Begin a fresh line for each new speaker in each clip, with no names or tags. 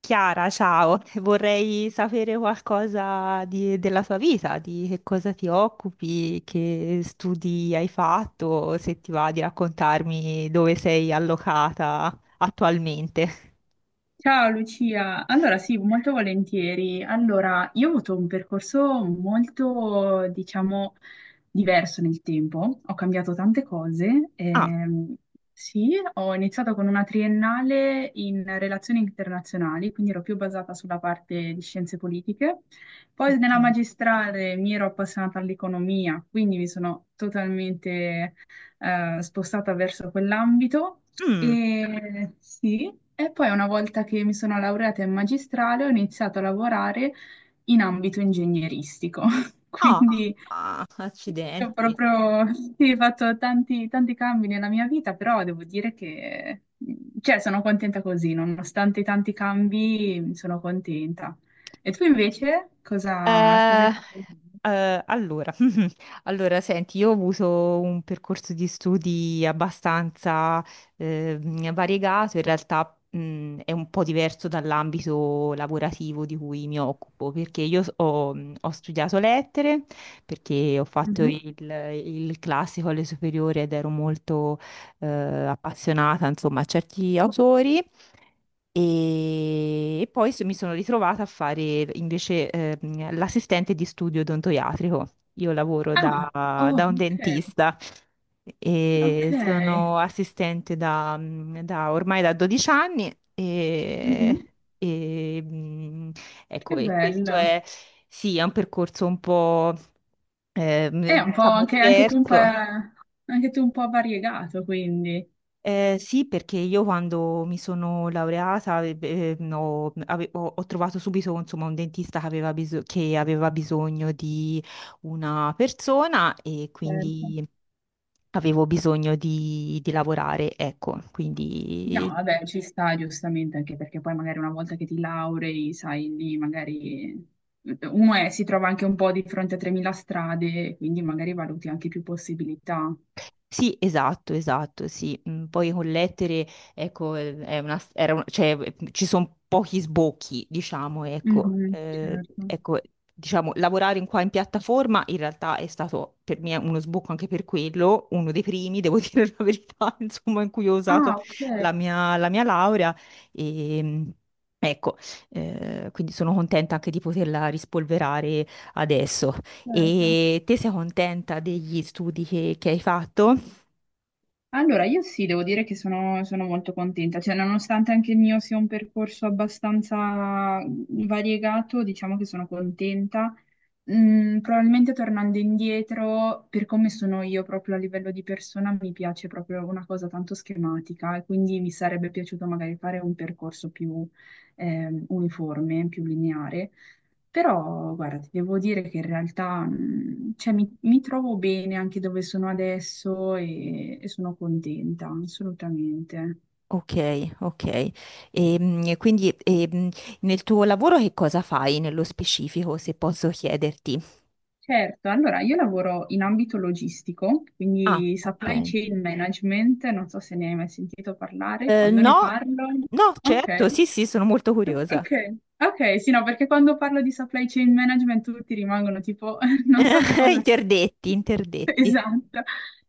Chiara, ciao, vorrei sapere qualcosa della tua vita, di che cosa ti occupi, che studi hai fatto, se ti va di raccontarmi dove sei allocata attualmente.
Ciao Lucia, allora sì, molto volentieri. Allora, io ho avuto un percorso molto, diciamo, diverso nel tempo, ho cambiato tante cose.
Ah,
Sì, ho iniziato con una triennale in relazioni internazionali, quindi ero più basata sulla parte di scienze politiche. Poi nella
ok.
magistrale mi ero appassionata all'economia, quindi mi sono totalmente spostata verso quell'ambito
Mm.
e sì, e poi una volta che mi sono laureata in magistrale ho iniziato a lavorare in ambito ingegneristico,
Ah,
quindi
ah,
ho
accidenti.
proprio sì, fatto tanti, tanti cambi nella mia vita, però devo dire che cioè, sono contenta così, nonostante i tanti cambi, sono contenta. E tu invece cosa, cosa hai
Eh,
fatto?
eh, allora, Allora, senti, io ho avuto un percorso di studi abbastanza eh, variegato, in realtà è un po' diverso dall'ambito lavorativo di cui mi occupo, perché io ho studiato lettere, perché ho fatto
Mhm.
il classico alle superiori ed ero molto appassionata, insomma, a certi autori. E poi mi sono ritrovata a fare invece l'assistente di studio odontoiatrico. Io lavoro
Ah,
da,
oh,
da un
ok,
dentista e
ok.
sono assistente ormai da 12 anni. E,
Mhm.
e, ecco,
Che
e questo
bello.
è, sì, è un percorso un po'
È un po'
diciamo
anche, anche tu un po',
diverso.
anche tu un po' variegato, quindi.
Sì, perché io quando mi sono laureata no, ho, ho trovato subito insomma, un dentista che aveva bisogno di una persona e
Certo.
quindi avevo bisogno di lavorare, ecco,
No,
quindi.
vabbè, ci sta giustamente, anche perché poi magari una volta che ti laurei, sai, lì magari uno è- si trova anche un po' di fronte a 3.000 strade, quindi magari valuti anche più possibilità.
Sì, esatto, esatto, sì. Poi con lettere, ecco, è una, era un- cioè, ci sono pochi sbocchi, diciamo, ecco.
Mhm, certo.
Ecco, diciamo, lavorare in qua in piattaforma in realtà è stato per me uno sbocco anche per quello, uno dei primi, devo dire la verità, insomma, in cui ho usato
Ah, ok,
la mia laurea. E, mm, ecco, quindi sono contenta anche di poterla rispolverare adesso.
certo.
E te sei contenta degli studi che hai fatto?
Allora, io sì, devo dire che sono, sono molto contenta, cioè nonostante anche il mio sia un percorso abbastanza variegato, diciamo che sono contenta. Mm, probabilmente tornando indietro, per come sono io proprio a livello di persona, mi piace proprio una cosa tanto schematica e quindi mi sarebbe piaciuto magari fare un percorso più uniforme, più lineare. Però, guarda, ti devo dire che in realtà, cioè, mi trovo bene anche dove sono adesso e sono contenta, assolutamente.
Ok, ok. Quindi nel tuo lavoro che cosa fai nello specifico, se posso chiederti?
Certo, allora io lavoro in ambito logistico,
Ah,
quindi supply
ok.
chain management, non so se ne hai mai sentito parlare,
Eh,
quando ne
no,
parlo.
no,
Ok.
certo, sì, sì, sono molto curiosa.
Ok, ok, sì, no, perché quando parlo di supply chain management tutti rimangono tipo, non so che cosa sia.
Interdetti, interdetti.
Esatto.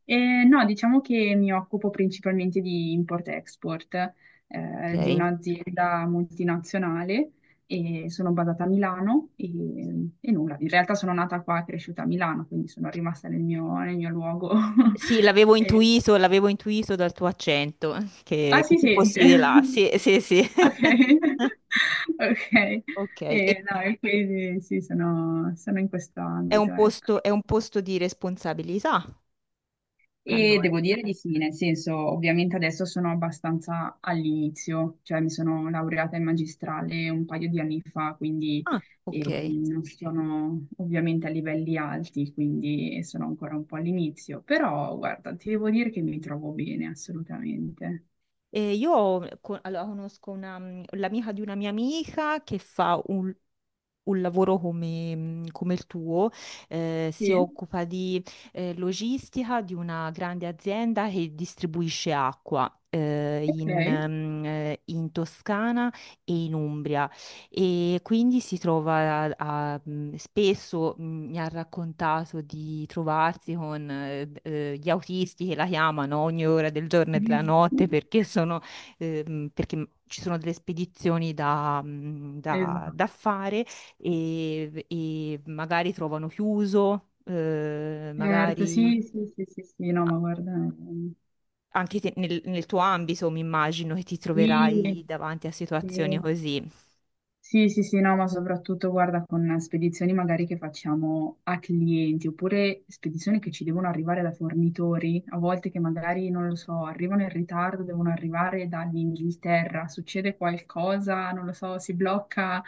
No, diciamo che mi occupo principalmente di import-export, di
Ok.
un'azienda multinazionale e sono basata a Milano e nulla, in realtà sono nata qua e cresciuta a Milano, quindi sono rimasta nel mio luogo.
Sì,
Eh,
l'avevo intuito dal tuo accento,
ah
che
sì,
tu
sì.
fossi di là. Sì, sì, sì.
Ok, ok.
Ok, e
E, no, e quindi sì, sono, sono in questo ambito, ecco.
è un posto di responsabilità,
E
allora.
devo dire di sì, nel senso, ovviamente adesso sono abbastanza all'inizio, cioè mi sono laureata in magistrale un paio di anni fa, quindi
Ah, ok.
non sono ovviamente a livelli alti, quindi sono ancora un po' all'inizio, però guarda, ti devo dire che mi trovo bene, assolutamente.
E io allora, conosco l'amica di una mia amica che fa un lavoro come il tuo, si
Sì,
occupa di logistica di una grande azienda che distribuisce acqua eh, In,
ok.
ehm, eh, in Toscana e in Umbria, e quindi si trova spesso mi ha raccontato di trovarsi con gli autisti che la chiamano ogni ora del giorno e della notte perché sono perché ci sono delle spedizioni da
Esatto.
fare, e magari trovano chiuso,
Certo,
magari
sì, sì, sì, sì, sì, no, ma guarda,
anche nel, tuo ambito mi immagino che ti
sì,
troverai davanti a situazioni
sì,
così.
sì, sì, sì, no, ma soprattutto guarda con spedizioni magari che facciamo a clienti oppure spedizioni che ci devono arrivare da fornitori, a volte che magari, non lo so, arrivano in ritardo, devono arrivare dall'Inghilterra, succede qualcosa, non lo so, si blocca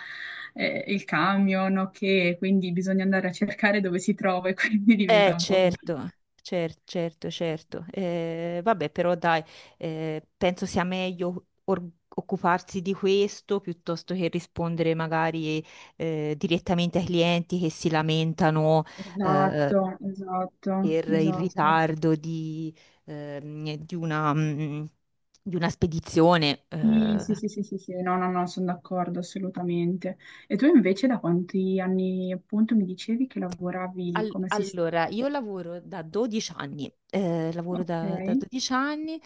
il camion, ok, quindi bisogna andare a cercare dove si trova e quindi diventa un po' complicato.
Certo. Certo, certo, certo. Vabbè, però dai, penso sia meglio occuparsi di questo piuttosto che rispondere magari direttamente ai clienti che si lamentano, eh,
Esatto, esatto,
per il
esatto.
ritardo ehm, di una, mm, di una spedizione.
Sì, sì, sì, sì, sì, sì, no, no, no, sono d'accordo assolutamente. E tu invece da quanti anni appunto mi dicevi che lavoravi
Al-
come assistente?
allora, io lavoro da 12 anni, lavoro
Ok.
da 12 anni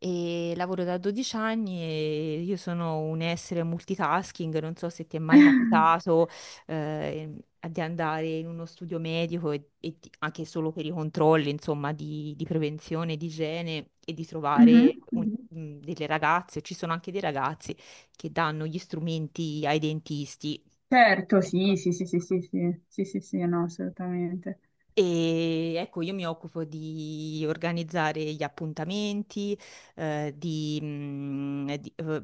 e lavoro da 12 anni e io sono un essere multitasking, non so se ti è mai capitato eh, di andare in uno studio medico e anche solo per i controlli, insomma, di prevenzione, di igiene e di
Mhm,
trovare
mhm.
delle ragazze, ci sono anche dei ragazzi che danno gli strumenti ai dentisti.
Certo, sì,
Ecco.
sì, sì, sì, sì, sì, sì, sì, sì, no, assolutamente.
E ecco, io mi occupo di organizzare gli appuntamenti, eh, di, mm, di, eh,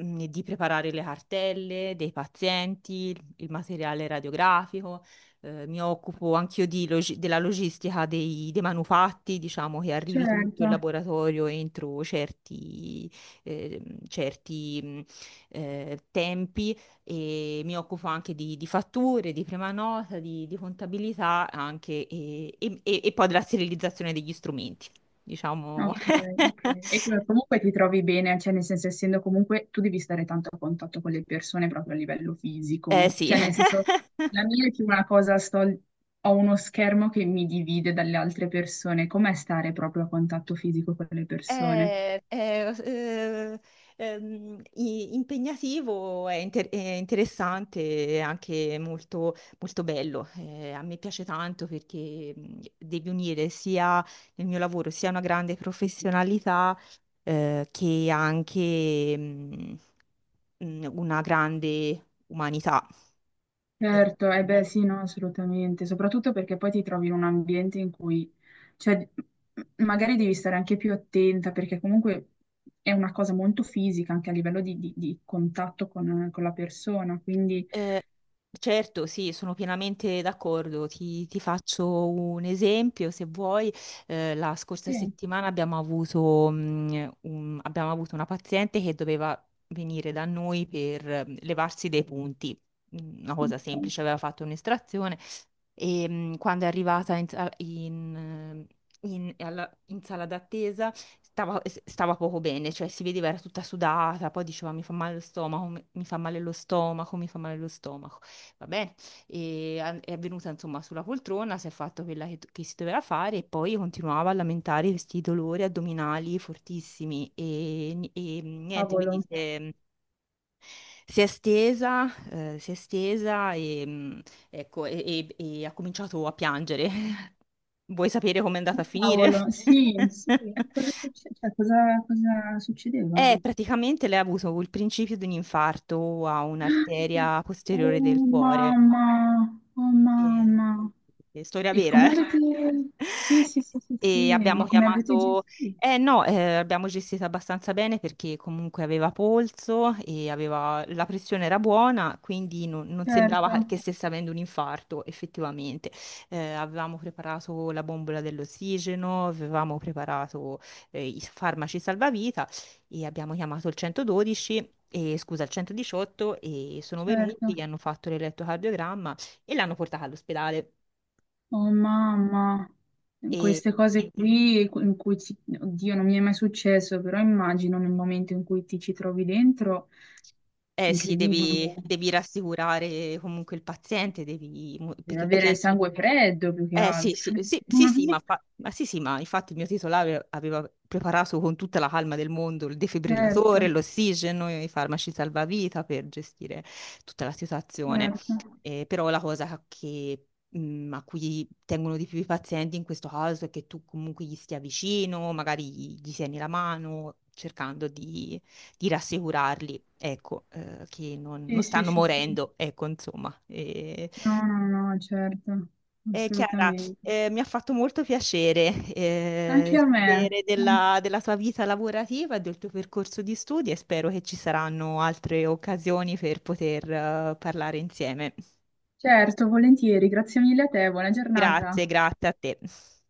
di preparare le cartelle dei pazienti, il materiale radiografico, mi occupo anch'io di della logistica dei manufatti, diciamo che arrivi tutto in
Certo.
laboratorio entro eh, certi tempi, e mi occupo anche di fatture, di prima nota, di contabilità anche e poi della sterilizzazione degli strumenti, diciamo.
Ok, ok. E co- comunque ti trovi bene, cioè nel senso essendo comunque tu devi stare tanto a contatto con le persone proprio a livello
Eh
fisico,
sì,
cioè nel senso la mia è più una cosa, sto, ho uno schermo che mi divide dalle altre persone, com'è stare proprio a contatto fisico con le persone?
è, è, eh, impegnativo, è interessante, è anche molto, molto bello. A me piace tanto perché devi unire sia nel mio lavoro sia una grande professionalità che anche una grande umanità. E,
Certo, eh beh sì, no, assolutamente, soprattutto perché poi ti trovi in un ambiente in cui, cioè, m- magari devi stare anche più attenta perché comunque è una cosa molto fisica anche a livello di contatto con la persona, quindi...
eh, certo, sì, sono pienamente d'accordo. Ti faccio un esempio, se vuoi. La scorsa
Sì,
settimana abbiamo avuto una paziente che doveva venire da noi per levarsi dei punti. Una cosa
ok,
semplice, aveva fatto un'estrazione e quando è arrivata in, sa- in, in- alla- in sala d'attesa stava poco bene, cioè si vedeva era tutta sudata, poi diceva mi fa male lo stomaco, mi fa male lo stomaco, mi fa male lo stomaco, va bene, e è venuta insomma sulla poltrona, si è fatto quella che si doveva fare e poi continuava a lamentare questi dolori addominali fortissimi e niente,
Cavolo,
quindi si è stesa, si è stesa e, ecco, e ha cominciato a piangere. Vuoi sapere com'è andata a finire?
cavolo, sì, sì, cosa succe- cioè, cosa cosa
Eh,
succedeva?
praticamente lei ha avuto il principio di un infarto a un'arteria
Oh
posteriore del cuore.
mamma, oh
E-
mamma.
e storia
E
vera,
come
eh?
avete... Sì, sì, sì, sì,
E
sì,
abbiamo
ma come avete
chiamato,
gestito?
no, abbiamo gestito abbastanza bene perché comunque aveva polso e aveva la pressione era buona, quindi non, non sembrava
Certo,
che stesse avendo un infarto effettivamente. Avevamo preparato la bombola dell'ossigeno, avevamo preparato i farmaci salvavita e abbiamo chiamato il 112, e scusa, il 118, e sono venuti,
certo.
gli hanno fatto l'elettrocardiogramma e l'hanno portata all'ospedale.
Oh mamma, queste cose qui in cui ci... Oddio, non mi è mai successo, però immagino nel momento in cui ti ci trovi dentro,
Eh sì,
incredibile.
devi rassicurare comunque il paziente,
Deve
perché lei
avere il
piange,
sangue freddo più che
eh sì, sì,
altro.
sì, sì, sì, ma, ma sì, sì, ma infatti il mio titolare aveva preparato con tutta la calma del mondo il defibrillatore,
Certo,
l'ossigeno, i farmaci salvavita per gestire tutta la situazione.
certo.
Però la cosa a cui tengono di più i pazienti in questo caso è che tu comunque gli stia vicino, magari gli tieni la mano, cercando di rassicurarli, ecco, che non
Sì, sì,
stanno
sì, sì.
morendo, ecco, insomma.
No, no, no, certo,
Chiara,
assolutamente.
mi ha fatto molto piacere
Anche a me.
sapere della tua vita lavorativa e del tuo percorso di studi e spero che ci saranno altre occasioni per poter parlare insieme.
Certo, volentieri, grazie mille a te, buona giornata.
Grazie, grazie a te.